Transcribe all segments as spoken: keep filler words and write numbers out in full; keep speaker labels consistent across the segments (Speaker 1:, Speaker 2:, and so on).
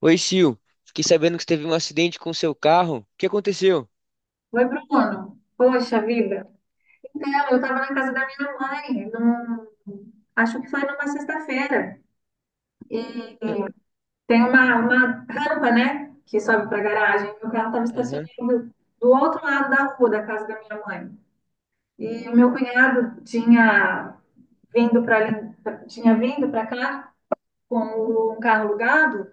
Speaker 1: Oi, Sil. Fiquei sabendo que você teve um acidente com seu carro. O que aconteceu?
Speaker 2: Oi, Bruno. Poxa vida. Então, eu estava na casa da minha mãe, num- acho que foi numa sexta-feira, e
Speaker 1: Ah,
Speaker 2: tem uma, uma rampa, né, que sobe para a garagem. Meu carro estava
Speaker 1: aham.
Speaker 2: estacionado do outro lado da rua da casa da minha mãe. E o meu cunhado tinha vindo para tinha vindo para cá com um carro alugado.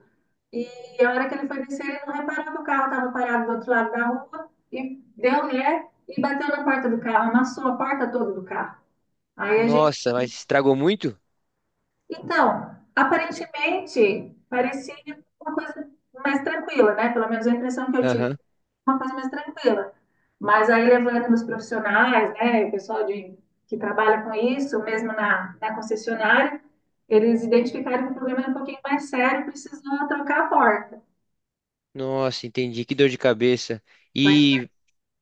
Speaker 2: E a hora que ele foi descer, ele não reparou que o carro estava parado do outro lado da rua e deu ré e bateu na porta do carro, amassou a porta toda do carro. Aí a gente.
Speaker 1: Nossa, mas estragou muito?
Speaker 2: Então, aparentemente, parecia uma coisa mais tranquila, né? Pelo menos a impressão que eu tive,
Speaker 1: Aham.
Speaker 2: uma coisa mais tranquila. Mas aí, levando os profissionais, né, o pessoal de, que trabalha com isso, mesmo na, na concessionária, eles identificaram que o problema era um pouquinho mais sério, precisou trocar a porta.
Speaker 1: Nossa, entendi. Que dor de cabeça.
Speaker 2: Foi
Speaker 1: E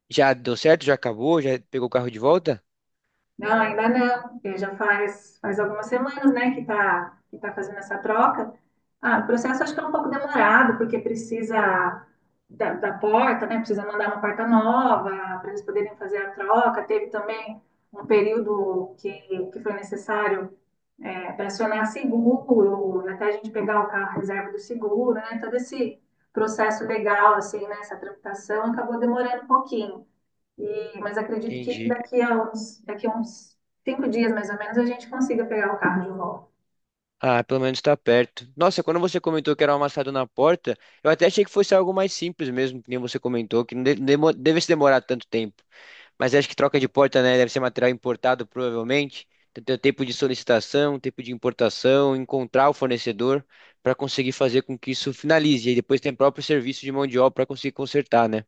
Speaker 1: já deu certo? Já acabou? Já pegou o carro de volta?
Speaker 2: Não, ainda não, porque já faz, faz algumas semanas, né, que tá, que tá fazendo essa troca. Ah, o processo acho que é um pouco demorado, porque precisa da, da porta, né, precisa mandar uma porta nova para eles poderem fazer a troca. Teve também um período que, que foi necessário para acionar seguro, até a gente pegar o carro à reserva do seguro, né, todo esse processo legal, assim, né, essa tramitação acabou demorando um pouquinho. E, mas acredito que
Speaker 1: Entendi.
Speaker 2: daqui a uns, daqui a uns cinco dias, mais ou menos, a gente consiga pegar o carro de volta.
Speaker 1: Ah, pelo menos tá perto. Nossa, quando você comentou que era um amassado na porta, eu até achei que fosse algo mais simples mesmo, que nem você comentou, que não de- demo- devesse demorar tanto tempo. Mas acho que troca de porta, né? Deve ser material importado, provavelmente. Então tem o tempo de solicitação, tempo de importação, encontrar o fornecedor para conseguir fazer com que isso finalize. E aí depois tem o próprio serviço de mão de obra para conseguir consertar, né?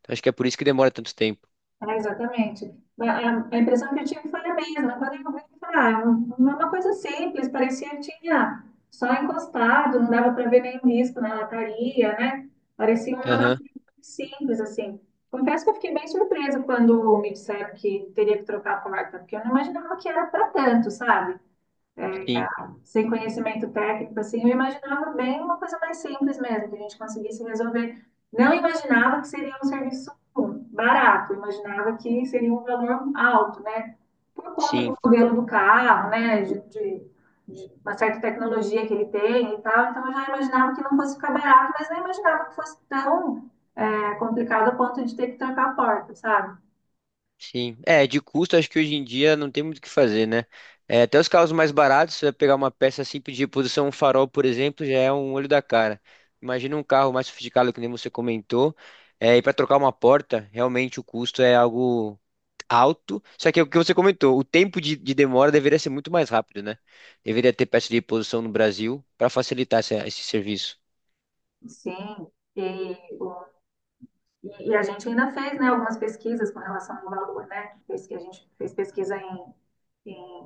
Speaker 1: Então, acho que é por isso que demora tanto tempo.
Speaker 2: É, exatamente. A, a- a impressão que eu tive foi a mesma. Quando eu vi, eu falei, ah, é uma uma coisa simples, parecia que tinha só encostado, não dava para ver nenhum risco na lataria, né? Parecia uma
Speaker 1: Aham,
Speaker 2: massinha simples, assim. Confesso que eu fiquei bem surpresa quando me disseram que teria que trocar a porta, porque eu não imaginava que era para tanto, sabe?
Speaker 1: sim,
Speaker 2: Sem conhecimento técnico, assim, eu imaginava bem uma coisa mais simples mesmo, que a gente conseguisse resolver. Não imaginava que seria um serviço barato, imaginava que seria um valor alto, né? Por conta
Speaker 1: sim.
Speaker 2: do modelo do carro, né? De, de- de uma certa tecnologia que ele tem e tal. Então, eu já imaginava que não fosse ficar barato, mas não imaginava que fosse tão é, complicado a ponto de ter que trancar a porta, sabe?
Speaker 1: Sim, é, de custo acho que hoje em dia não tem muito o que fazer, né? É, até os carros mais baratos, você vai pegar uma peça simples de reposição, um farol, por exemplo, já é um olho da cara. Imagina um carro mais sofisticado, que nem você comentou, é, e para trocar uma porta, realmente o custo é algo alto, só que é o que você comentou, o tempo de, de demora deveria ser muito mais rápido, né? Deveria ter peça de reposição no Brasil para facilitar esse, esse serviço.
Speaker 2: Sim. E E, e a gente ainda fez, né, algumas pesquisas com relação ao valor, né? Fez que a gente fez pesquisa em, em-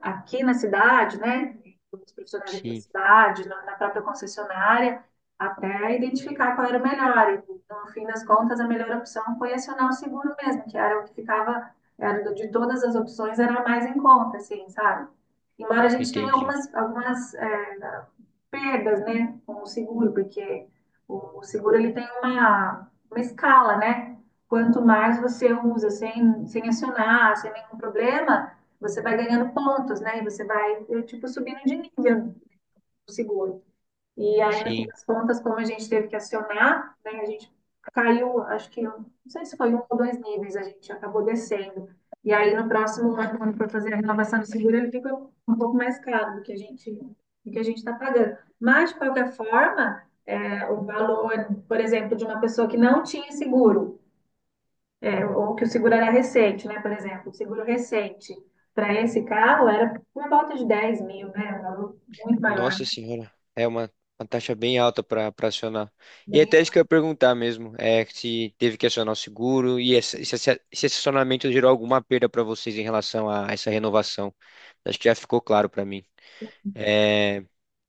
Speaker 2: aqui na cidade, né? Com os profissionais aqui da
Speaker 1: Sim,
Speaker 2: cidade, na, na própria concessionária, até identificar qual era o melhor. E, no fim das contas, a melhor opção foi acionar o seguro mesmo, que era o que ficava, era de todas as opções, era a mais em conta, assim, sabe? Embora a gente tenha
Speaker 1: entendi.
Speaker 2: algumas, algumas é, perdas, né, com o seguro, porque o seguro ele tem uma, uma escala, né? Quanto mais você usa sem, sem acionar, sem nenhum problema, você vai ganhando pontos, né? E você vai, eh, tipo, subindo de nível no seguro. E aí, no fim
Speaker 1: Sim.
Speaker 2: das contas, como a gente teve que acionar, né, a gente caiu, acho que, não sei se foi um ou dois níveis, a gente acabou descendo. E aí, no próximo ano, quando for fazer a renovação do seguro, ele fica um pouco mais caro do que a gente, do que a gente está pagando. Mas, de qualquer forma, é, o valor, por exemplo, de uma pessoa que não tinha seguro, é, ou que o seguro era recente, né, por exemplo, o seguro recente, para esse carro era por volta de dez mil, né, um valor muito maior,
Speaker 1: Nossa senhora, é uma, uma taxa bem alta para para acionar. E é
Speaker 2: bem,
Speaker 1: até isso que eu ia perguntar mesmo, é se teve que acionar o seguro e esse, esse, esse acionamento gerou alguma perda para vocês em relação a essa renovação. Acho que já ficou claro para mim. É,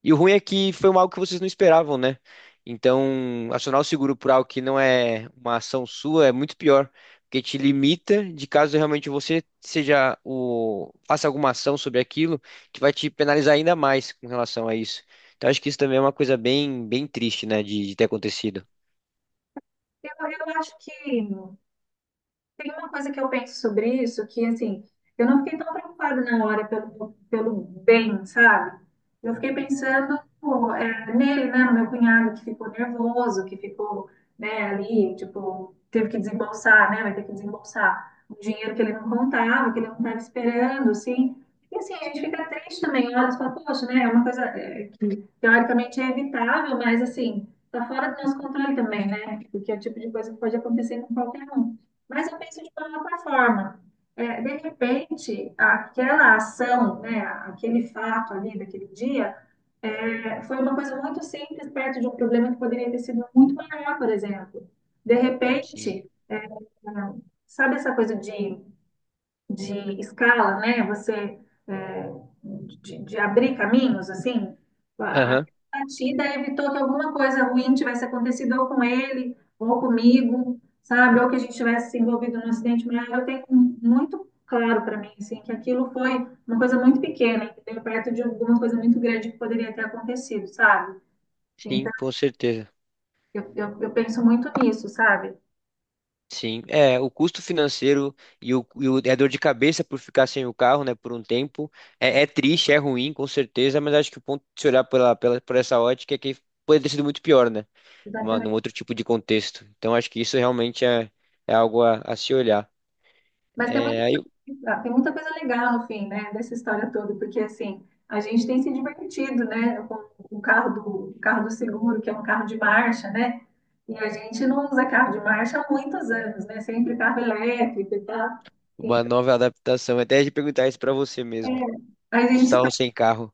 Speaker 1: e o ruim é que foi um algo que vocês não esperavam, né? Então, acionar o seguro por algo que não é uma ação sua é muito pior, porque te limita de caso realmente você seja o faça alguma ação sobre aquilo, que vai te penalizar ainda mais com relação a isso. Então, acho que isso também é uma coisa bem, bem triste, né, de, de ter acontecido.
Speaker 2: eu, eu acho que tem uma coisa que eu penso sobre isso, que assim, eu não fiquei tão preocupada na hora pelo, pelo bem, sabe? Eu fiquei pensando, pô, é, nele, né, no meu cunhado que ficou nervoso, que ficou, né, ali, tipo, teve que desembolsar, né, vai ter que desembolsar um dinheiro que ele não contava, que ele não estava esperando, assim. E assim, a gente fica triste também, olha, e fala, poxa, né, é uma coisa, é, teoricamente é evitável, mas assim, tá fora do nosso controle também, né? Porque é o tipo de coisa que pode acontecer com qualquer um. Mas eu penso de uma outra forma. É, de repente, aquela ação, né, aquele fato ali daquele dia, é, foi uma coisa muito simples perto de um problema que poderia ter sido muito maior, por exemplo. De
Speaker 1: Sim.
Speaker 2: repente, é, sabe essa coisa de de escala, né? Você é, de, de abrir caminhos, assim, a
Speaker 1: Aham.
Speaker 2: a partida evitou que alguma coisa ruim tivesse acontecido ou com ele, ou comigo, sabe? Ou que a gente tivesse se envolvido num acidente maior. Eu tenho um, muito claro para mim, assim, que aquilo foi uma coisa muito pequena, entendeu? Perto de alguma coisa muito grande que poderia ter acontecido, sabe?
Speaker 1: Sim,
Speaker 2: Então,
Speaker 1: com certeza.
Speaker 2: eu, eu, eu penso muito nisso, sabe?
Speaker 1: Sim, é, o custo financeiro e, o, e o- e a dor de cabeça por ficar sem o carro, né, por um tempo, é, é triste, é ruim, com certeza, mas acho que o ponto de se olhar pela, pela, por essa ótica é que poderia ter sido muito pior, né, numa- num
Speaker 2: Exatamente.
Speaker 1: outro tipo de contexto. Então, acho que isso realmente é, é algo a, a se olhar.
Speaker 2: Mas tem muita,
Speaker 1: É, aí,
Speaker 2: coisa- tem muita coisa legal no fim, né, dessa história toda, porque assim, a gente tem se divertido, né, com o carro do, o carro do seguro, que é um carro de marcha, né, e a gente não usa carro de marcha há muitos anos, né, sempre carro elétrico e tal.
Speaker 1: uma nova adaptação, até de perguntar isso para você mesmo,
Speaker 2: Então, a
Speaker 1: vocês
Speaker 2: gente
Speaker 1: estavam
Speaker 2: tá,
Speaker 1: sem carro.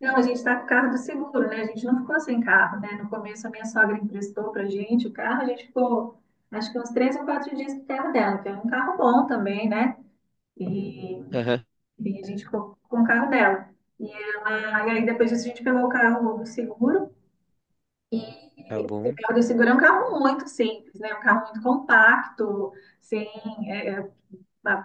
Speaker 2: não, a gente tá com o carro do seguro, né, a gente não ficou sem carro, né, no começo a minha sogra emprestou pra gente o carro, a gente ficou, acho que uns três ou quatro dias com o carro dela, que é um carro bom também, né, e
Speaker 1: Aham.
Speaker 2: E a gente ficou com o carro dela. E, ela, e aí depois disso a gente pegou o carro do seguro.
Speaker 1: Tá
Speaker 2: E o
Speaker 1: bom.
Speaker 2: carro do seguro é um carro muito simples, né? Um carro muito compacto, sem é, é,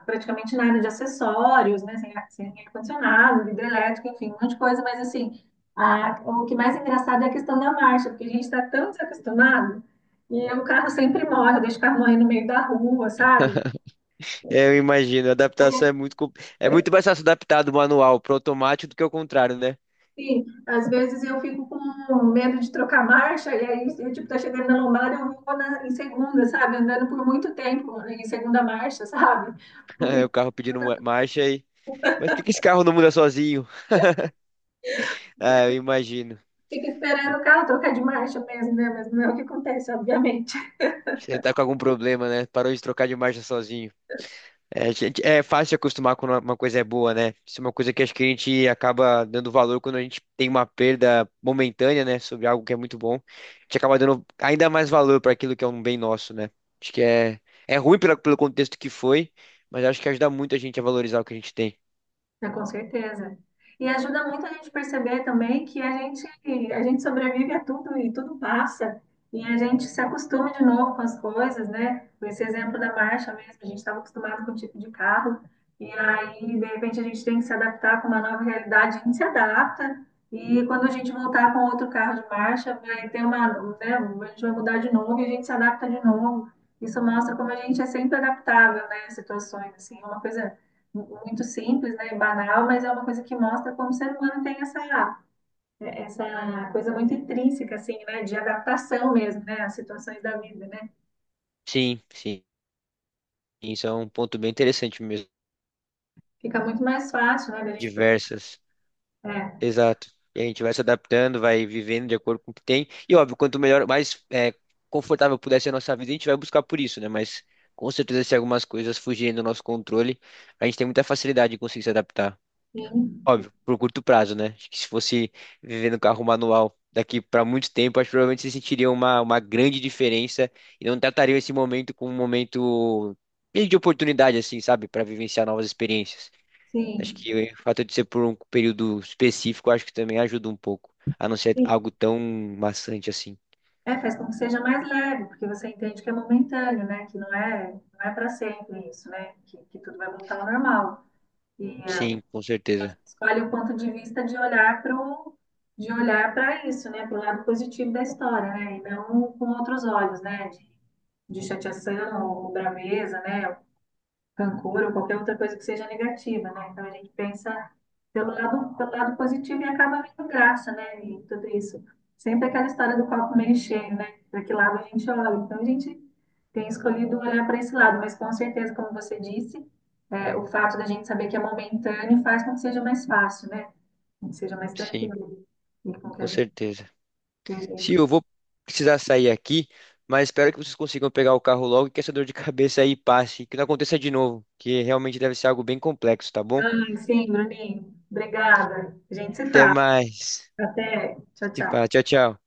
Speaker 2: praticamente nada de acessórios, né? Sem, sem ar-condicionado, vidro elétrico, enfim, um monte de coisa. Mas assim, a- o que mais é engraçado é a questão da marcha, porque a gente está tão desacostumado. E o carro sempre morre, deixa o carro morrer no meio da rua, sabe?
Speaker 1: É, eu imagino, a adaptação é muito, com- é muito mais fácil adaptar do manual para automático do que o contrário, né?
Speaker 2: Sim, às vezes eu fico com medo de trocar marcha, e aí eu, tipo, tá chegando na lombada, eu vou na, em segunda, sabe? Andando por muito tempo em segunda marcha, sabe? O
Speaker 1: É, o
Speaker 2: princípio
Speaker 1: carro pedindo ma- marcha aí. Mas por que que esse carro não muda sozinho? Ah, eu imagino.
Speaker 2: fica esperando o carro trocar de marcha mesmo, né? Mas não é o que acontece, obviamente.
Speaker 1: Você tá com algum problema, né? Parou de trocar de marcha sozinho. É, a gente, é fácil se acostumar quando uma uma coisa é boa, né? Isso é uma coisa que acho que a gente acaba dando valor quando a gente tem uma perda momentânea, né? Sobre algo que é muito bom. A gente acaba dando ainda mais valor para aquilo que é um bem nosso, né? Acho que é, é ruim pela, pelo contexto que foi, mas acho que ajuda muito a gente a valorizar o que a gente tem.
Speaker 2: É, com certeza. E ajuda muito a gente perceber também que a gente, a gente sobrevive a tudo e tudo passa. E a gente se acostuma de novo com as coisas, né? Esse exemplo da marcha mesmo, a gente estava acostumado com o tipo de carro, e aí, de repente, a gente tem que se adaptar com uma nova realidade, a gente se adapta, e quando a gente voltar com outro carro de marcha, vai ter uma, né? A gente vai mudar de novo e a gente se adapta de novo. Isso mostra como a gente é sempre adaptável, né, às situações, assim, é uma coisa muito simples, né, banal, mas é uma coisa que mostra como o ser humano tem essa, essa coisa muito intrínseca, assim, né, de adaptação mesmo, né, às situações da vida, né?
Speaker 1: Sim, sim. Isso é um ponto bem interessante mesmo.
Speaker 2: Fica muito mais fácil, né, da gente.
Speaker 1: Diversas.
Speaker 2: É,
Speaker 1: Exato. E a gente vai se adaptando, vai vivendo de acordo com o que tem. E óbvio, quanto melhor, mais é, confortável puder ser a nossa vida, a gente vai buscar por isso, né? Mas com certeza, se algumas coisas fugirem do nosso controle, a gente tem muita facilidade de conseguir se adaptar.
Speaker 2: sim,
Speaker 1: Óbvio, por curto prazo, né? Acho que se fosse viver no carro manual daqui para muito tempo, acho que provavelmente você sentiria uma, uma grande diferença e não trataria esse momento como um momento meio de oportunidade, assim, sabe? Para vivenciar novas experiências. Acho
Speaker 2: sim,
Speaker 1: que o fato de ser por um período específico, acho que também ajuda um pouco, a não ser
Speaker 2: sim.
Speaker 1: algo tão maçante assim.
Speaker 2: É, faz com que seja mais leve, porque você entende que é momentâneo, né, que não é, não é para sempre isso, né, que, que tudo vai voltar ao normal. E é,
Speaker 1: Sim, com certeza.
Speaker 2: escolhe o ponto de vista de olhar para de olhar para isso, né, para o lado positivo da história, né, e não com outros olhos, né, de de chateação, ou braveza, né, rancor, ou qualquer outra coisa que seja negativa, né? Então a gente pensa pelo lado, pelo lado positivo e acaba vendo graça, né, e tudo isso. Sempre aquela história do copo meio cheio, né? Para que lado a gente olha. Então a gente tem escolhido olhar para esse lado, mas com certeza, como você disse, é, o fato da gente saber que é momentâneo faz com que seja mais fácil, né? Com que seja mais
Speaker 1: Sim,
Speaker 2: tranquilo e com que a
Speaker 1: com
Speaker 2: gente
Speaker 1: certeza.
Speaker 2: veja isso.
Speaker 1: Sim, eu vou precisar sair aqui, mas espero que vocês consigam pegar o carro logo e que essa dor de cabeça aí passe, que não aconteça de novo, que realmente deve ser algo bem complexo, tá bom?
Speaker 2: Sim, Bruninho, obrigada. A gente se
Speaker 1: Até
Speaker 2: fala.
Speaker 1: mais.
Speaker 2: Até. Tchau,
Speaker 1: Se fala,
Speaker 2: tchau.
Speaker 1: tchau, tchau.